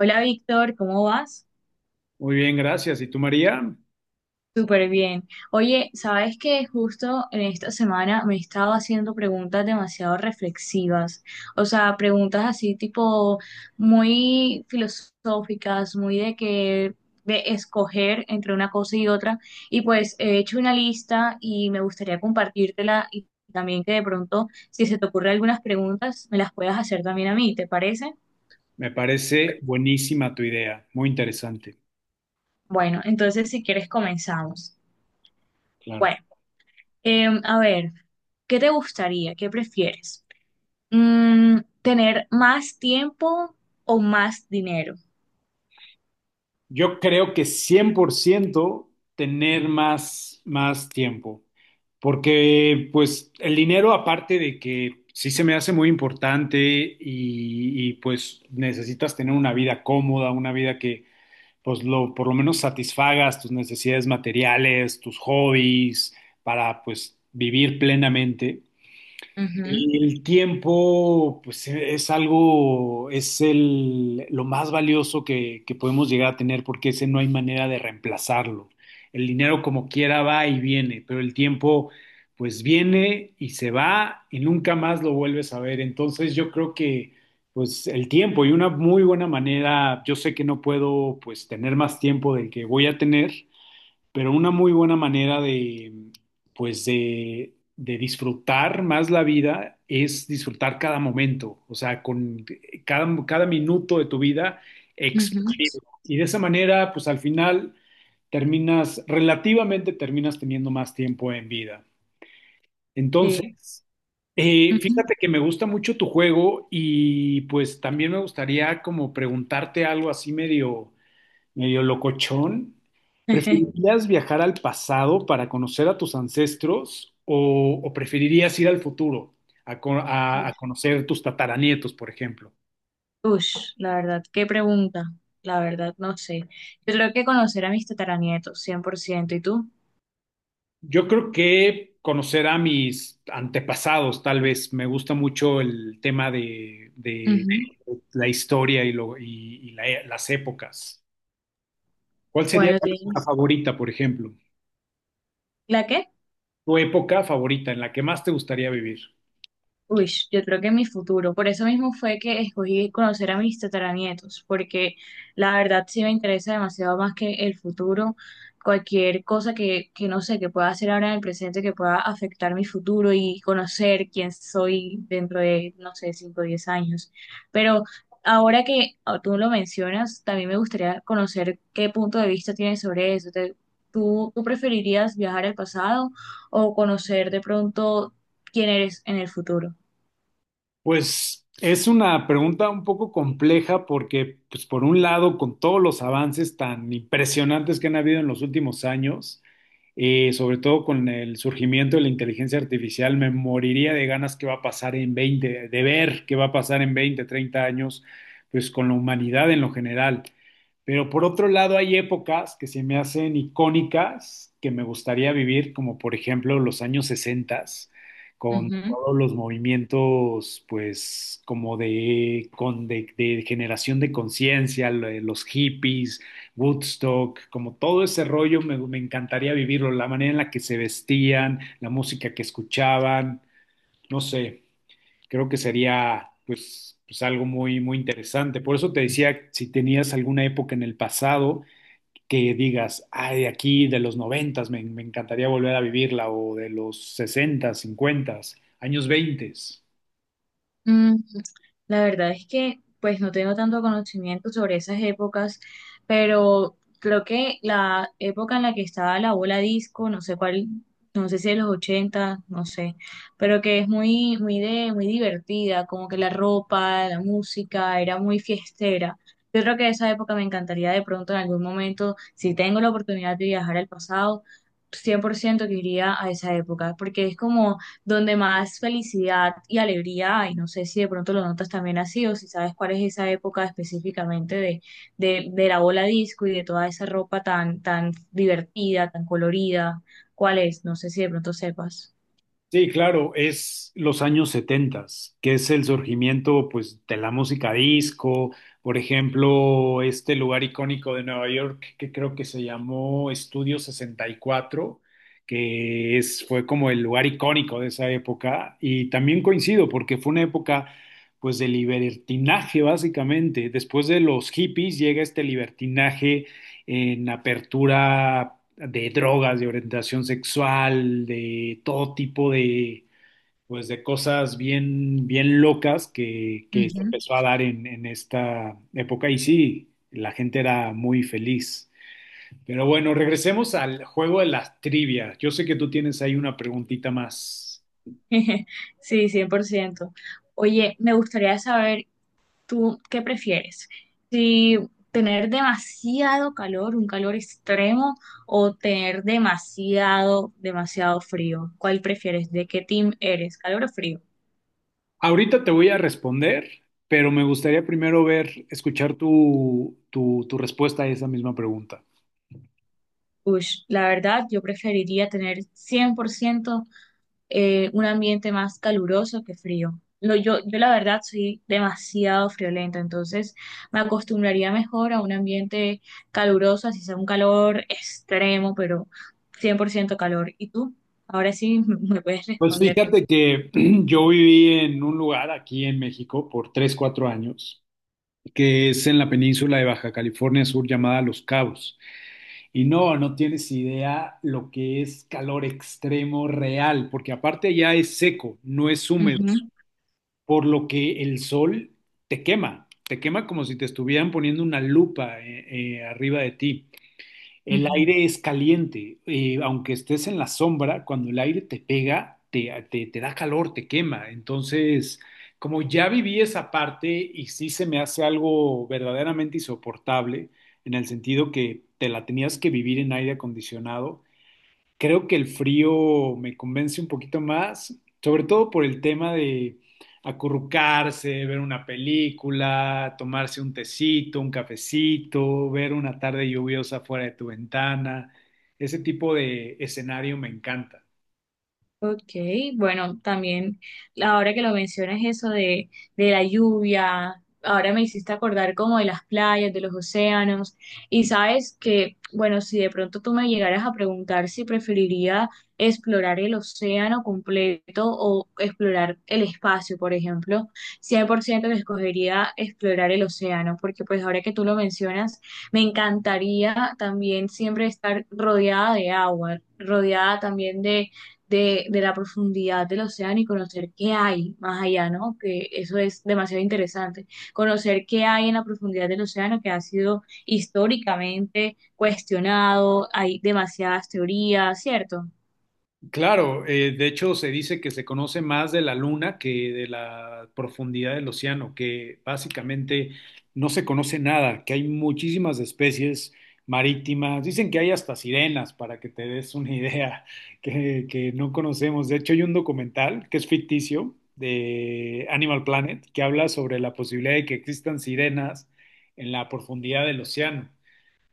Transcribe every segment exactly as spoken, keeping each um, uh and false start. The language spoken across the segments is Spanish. Hola Víctor, ¿cómo vas? Muy bien, gracias. ¿Y tú, María? Súper bien. Oye, sabes que justo en esta semana me he estado haciendo preguntas demasiado reflexivas, o sea, preguntas así tipo muy filosóficas, muy de que de escoger entre una cosa y otra. Y pues he hecho una lista y me gustaría compartírtela y también que de pronto, si se te ocurren algunas preguntas, me las puedas hacer también a mí, ¿te parece? Me parece buenísima tu idea, muy interesante, Bueno, entonces si quieres comenzamos. claro. Bueno. Em, a ver, ¿qué te gustaría? ¿Qué prefieres? Mm, ¿tener más tiempo o más dinero? Yo creo que cien por ciento tener más, más tiempo, porque pues el dinero aparte de que sí se me hace muy importante y, y, pues necesitas tener una vida cómoda, una vida que pues lo, por lo menos satisfagas tus necesidades materiales, tus hobbies, para pues vivir plenamente. Ujú, El tiempo, pues e- es algo, es el, lo más valioso que, que podemos llegar a tener porque ese no hay manera de reemplazarlo. El dinero como quiera va y viene, pero el tiempo pues viene y se va y nunca más lo vuelves a ver. Entonces yo creo que pues el tiempo y una muy buena manera, yo sé que no puedo pues tener más tiempo del que voy a tener, pero una muy buena manera de, pues de, de disfrutar más la vida es disfrutar cada momento, o sea, con cada, cada minuto de tu vida ujú, exprimido. Y de esa manera, pues al final terminas, relativamente terminas teniendo más tiempo en vida. Entonces, sí. Eh, ujú. fíjate que me gusta mucho tu juego y pues también me gustaría como preguntarte algo así medio medio locochón. ¿Preferirías viajar al pasado para conocer a tus ancestros o, o preferirías ir al futuro a, co- a- a conocer tus tataranietos, por ejemplo? Ush, la verdad, qué pregunta. La verdad, no sé. Yo creo que conocer a mis tataranietos, cien por ciento. ¿Y tú? Yo creo que conocer a mis antepasados, tal vez. Me gusta mucho el tema de, de Ujú. la historia y, lo- y- y la- las épocas. ¿Cuál sería Bueno, tu época tienes. favorita, por ejemplo? ¿La qué? Tu época favorita en la que más te gustaría vivir. Uy, yo creo que mi futuro. Por eso mismo fue que escogí conocer a mis tataranietos, porque la verdad sí me interesa demasiado más que el futuro. Cualquier cosa que, que no sé, que pueda hacer ahora en el presente, que pueda afectar mi futuro y conocer quién soy dentro de, no sé, cinco o diez años. Pero ahora que ah, tú lo mencionas, también me gustaría conocer qué punto de vista tienes sobre eso. Te- ¿Tú, tú preferirías viajar al pasado o conocer de pronto quién eres en el futuro? Pues es una pregunta un poco compleja porque, pues por un lado, con todos los avances tan impresionantes que han habido en los últimos años, eh, sobre todo con el surgimiento de la inteligencia artificial, me moriría de ganas qué va a pasar en veinte de ver qué va a pasar en veinte treinta años, pues con la humanidad en lo general. Pero por otro lado, hay épocas que se me hacen icónicas que me gustaría vivir, como por ejemplo los años sesenta, con Ujú. todos los movimientos, pues, como de, con, de, de generación de conciencia, lo- los hippies, Woodstock, como todo ese rollo, me, me encantaría vivirlo, la manera en la que se vestían, la música que escuchaban, no sé, creo que sería, pues, pues algo muy, muy interesante. Por eso te decía, si tenías alguna época en el pasado que digas, ay, aquí de los noventas me, me encantaría volver a vivirla, o de los sesentas, cincuentas, años veintes. Mm, la verdad es que pues no tengo tanto conocimiento sobre esas épocas, pero creo que la época en la que estaba la bola disco, no sé cuál, no sé si de los ochenta, no sé, pero que es muy, muy de, muy divertida, como que la ropa, la música, era muy fiestera. Yo creo que esa época me encantaría de pronto en algún momento. Si tengo la oportunidad de viajar al pasado, cien por ciento que iría a esa época, porque es como donde más felicidad y alegría hay. No sé si de pronto lo notas también así o si sabes cuál es esa época específicamente de, de, de la bola disco y de toda esa ropa tan, tan divertida, tan colorida. ¿Cuál es? No sé si de pronto sepas. Sí, claro, es los años setentas, que es el surgimiento pues de la música disco, por ejemplo, este lugar icónico de Nueva York que creo que se llamó Estudio sesenta y cuatro, que es fue como el lugar icónico de esa época y también coincido porque fue una época pues de libertinaje básicamente. Después de los hippies llega este libertinaje en apertura de drogas, de orientación sexual, de todo tipo de, pues, de cosas bien, bien locas que, que se Ujú. empezó a dar en, en esta época. Y sí, la gente era muy feliz. Pero bueno, regresemos al juego de las trivias. Yo sé que tú tienes ahí una preguntita más. Sí, cien por ciento. Oye, me gustaría saber, ¿tú qué prefieres? ¿Si tener demasiado calor, un calor extremo, o tener demasiado, demasiado frío? ¿Cuál prefieres? ¿De qué team eres? ¿Calor o frío? Ahorita te voy a responder, pero me gustaría primero ver, escuchar tu, tu, tu respuesta a esa misma pregunta. Ush, la verdad, yo preferiría tener cien por ciento eh, un ambiente más caluroso que frío. Lo, yo, yo la verdad soy demasiado friolenta, entonces me acostumbraría mejor a un ambiente caluroso, así sea un calor extremo, pero cien por ciento calor. ¿Y tú? Ahora sí me puedes Pues responder. fíjate que yo viví en un lugar aquí en México por tres cuatro años, que es en la península de Baja California Sur llamada Los Cabos. Y no, no tienes idea lo que es calor extremo real, porque aparte ya es seco, no es húmedo, Ujú, por lo que el sol te quema, te quema como si te estuvieran poniendo una lupa eh, eh, arriba de ti. El ujú. aire es caliente, eh, aunque estés en la sombra, cuando el aire te pega, te, te- te da calor, te quema. Entonces, como ya viví esa parte y sí se me hace algo verdaderamente insoportable, en el sentido que te la tenías que vivir en aire acondicionado. Creo que el frío me convence un poquito más, sobre todo por el tema de acurrucarse, ver una película, tomarse un tecito, un cafecito, ver una tarde lluviosa fuera de tu ventana. Ese tipo de escenario me encanta. Ok, bueno, también ahora que lo mencionas eso de, de, la lluvia, ahora me hiciste acordar como de las playas, de los océanos, y sabes que, bueno, si de pronto tú me llegaras a preguntar si preferiría explorar el océano completo o explorar el espacio, por ejemplo, cien por ciento que escogería explorar el océano, porque pues ahora que tú lo mencionas, me encantaría también siempre estar rodeada de agua, rodeada también de de, de la profundidad del océano y conocer qué hay más allá, ¿no? Que eso es demasiado interesante. Conocer qué hay en la profundidad del océano, que ha sido históricamente cuestionado, hay demasiadas teorías, ¿cierto? Claro, eh, de hecho se dice que se conoce más de la luna que de la profundidad del océano, que básicamente no se conoce nada, que hay muchísimas especies marítimas, dicen que hay hasta sirenas, para que te des una idea, que, que no conocemos. De hecho hay un documental que es ficticio de Animal Planet que habla sobre la posibilidad de que existan sirenas en la profundidad del océano.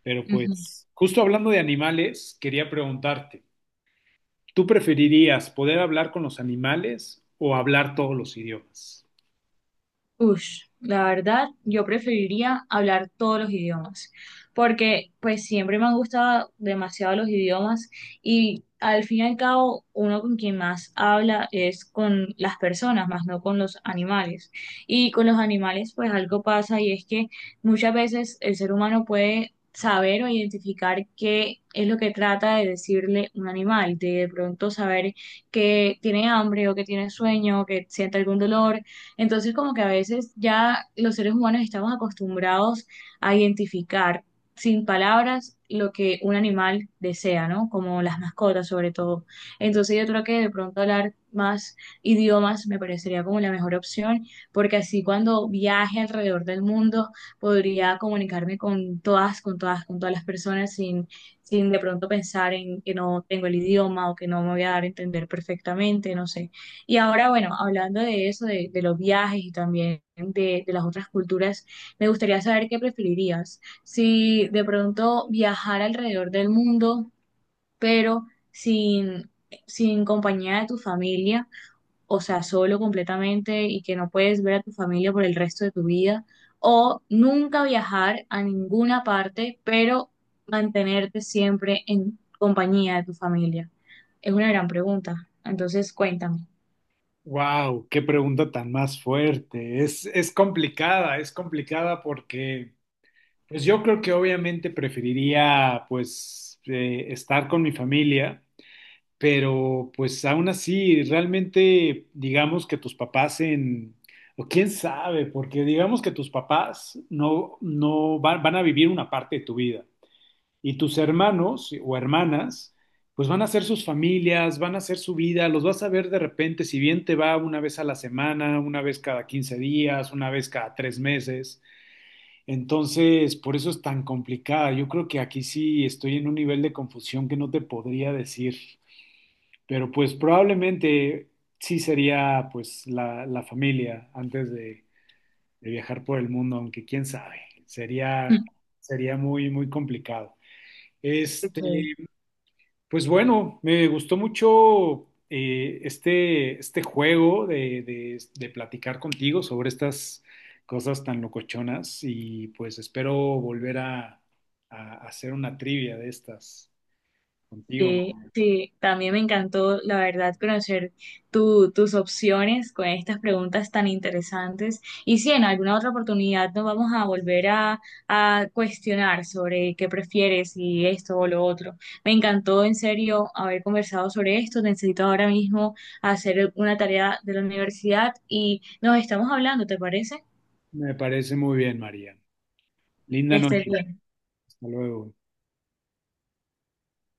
Pero Ujú. pues, justo hablando de animales, quería preguntarte. ¿Tú preferirías poder hablar con los animales o hablar todos los idiomas? Ush, la verdad, yo preferiría hablar todos los idiomas, porque pues siempre me han gustado demasiado los idiomas y al fin y al cabo uno con quien más habla es con las personas, más no con los animales. Y con los animales pues algo pasa, y es que muchas veces el ser humano puede saber o identificar qué es lo que trata de decirle un animal, de de pronto saber que tiene hambre o que tiene sueño o que siente algún dolor. Entonces, como que a veces ya los seres humanos estamos acostumbrados a identificar sin palabras lo que un animal desea, ¿no? Como las mascotas sobre todo. Entonces, yo creo que de pronto hablar más idiomas me parecería como la mejor opción, porque así cuando viaje alrededor del mundo podría comunicarme con todas, con todas, con todas las personas, sin sin de pronto pensar en que no tengo el idioma o que no me voy a dar a entender perfectamente, no sé. Y ahora, bueno, hablando de eso, de, de los viajes y también de, de las otras culturas, me gustaría saber qué preferirías. Si de pronto viajar alrededor del mundo, pero sin, sin compañía de tu familia, o sea, solo completamente y que no puedes ver a tu familia por el resto de tu vida, o nunca viajar a ninguna parte, pero mantenerte siempre en compañía de tu familia. Es una gran pregunta. Entonces, cuéntame. Wow, qué pregunta tan más fuerte. Es, es complicada, es complicada porque, pues yo creo que obviamente preferiría, pues, eh, estar con mi familia, pero pues aún así, realmente, digamos que tus papás en, o quién sabe, porque digamos que tus papás no, no van van a vivir una parte de tu vida. Y tus hermanos o hermanas, pues van a hacer sus familias, van a hacer su vida, los vas a ver de repente, si bien te va una vez a la semana, una vez cada quince días, una vez cada tres meses. Entonces, por eso es tan complicada. Yo creo que aquí sí estoy en un nivel de confusión que no te podría decir, pero pues probablemente sí sería pues la, la familia antes de, de, viajar por el mundo, aunque quién sabe, sería, sería muy, muy complicado. Este, Ok. Pues bueno, me gustó mucho eh, este, este juego de, de- de platicar contigo sobre estas cosas tan locochonas y pues espero volver a, a hacer una trivia de estas contigo. Sí, sí, también me encantó, la verdad, conocer tu- tus opciones con estas preguntas tan interesantes. Y si en alguna otra oportunidad nos vamos a volver a, a, cuestionar sobre qué prefieres y esto o lo otro. Me encantó en serio haber conversado sobre esto. Necesito ahora mismo hacer una tarea de la universidad y nos estamos hablando, ¿te parece? Me parece muy bien, María. Que Linda estés noche. bien. Hasta luego.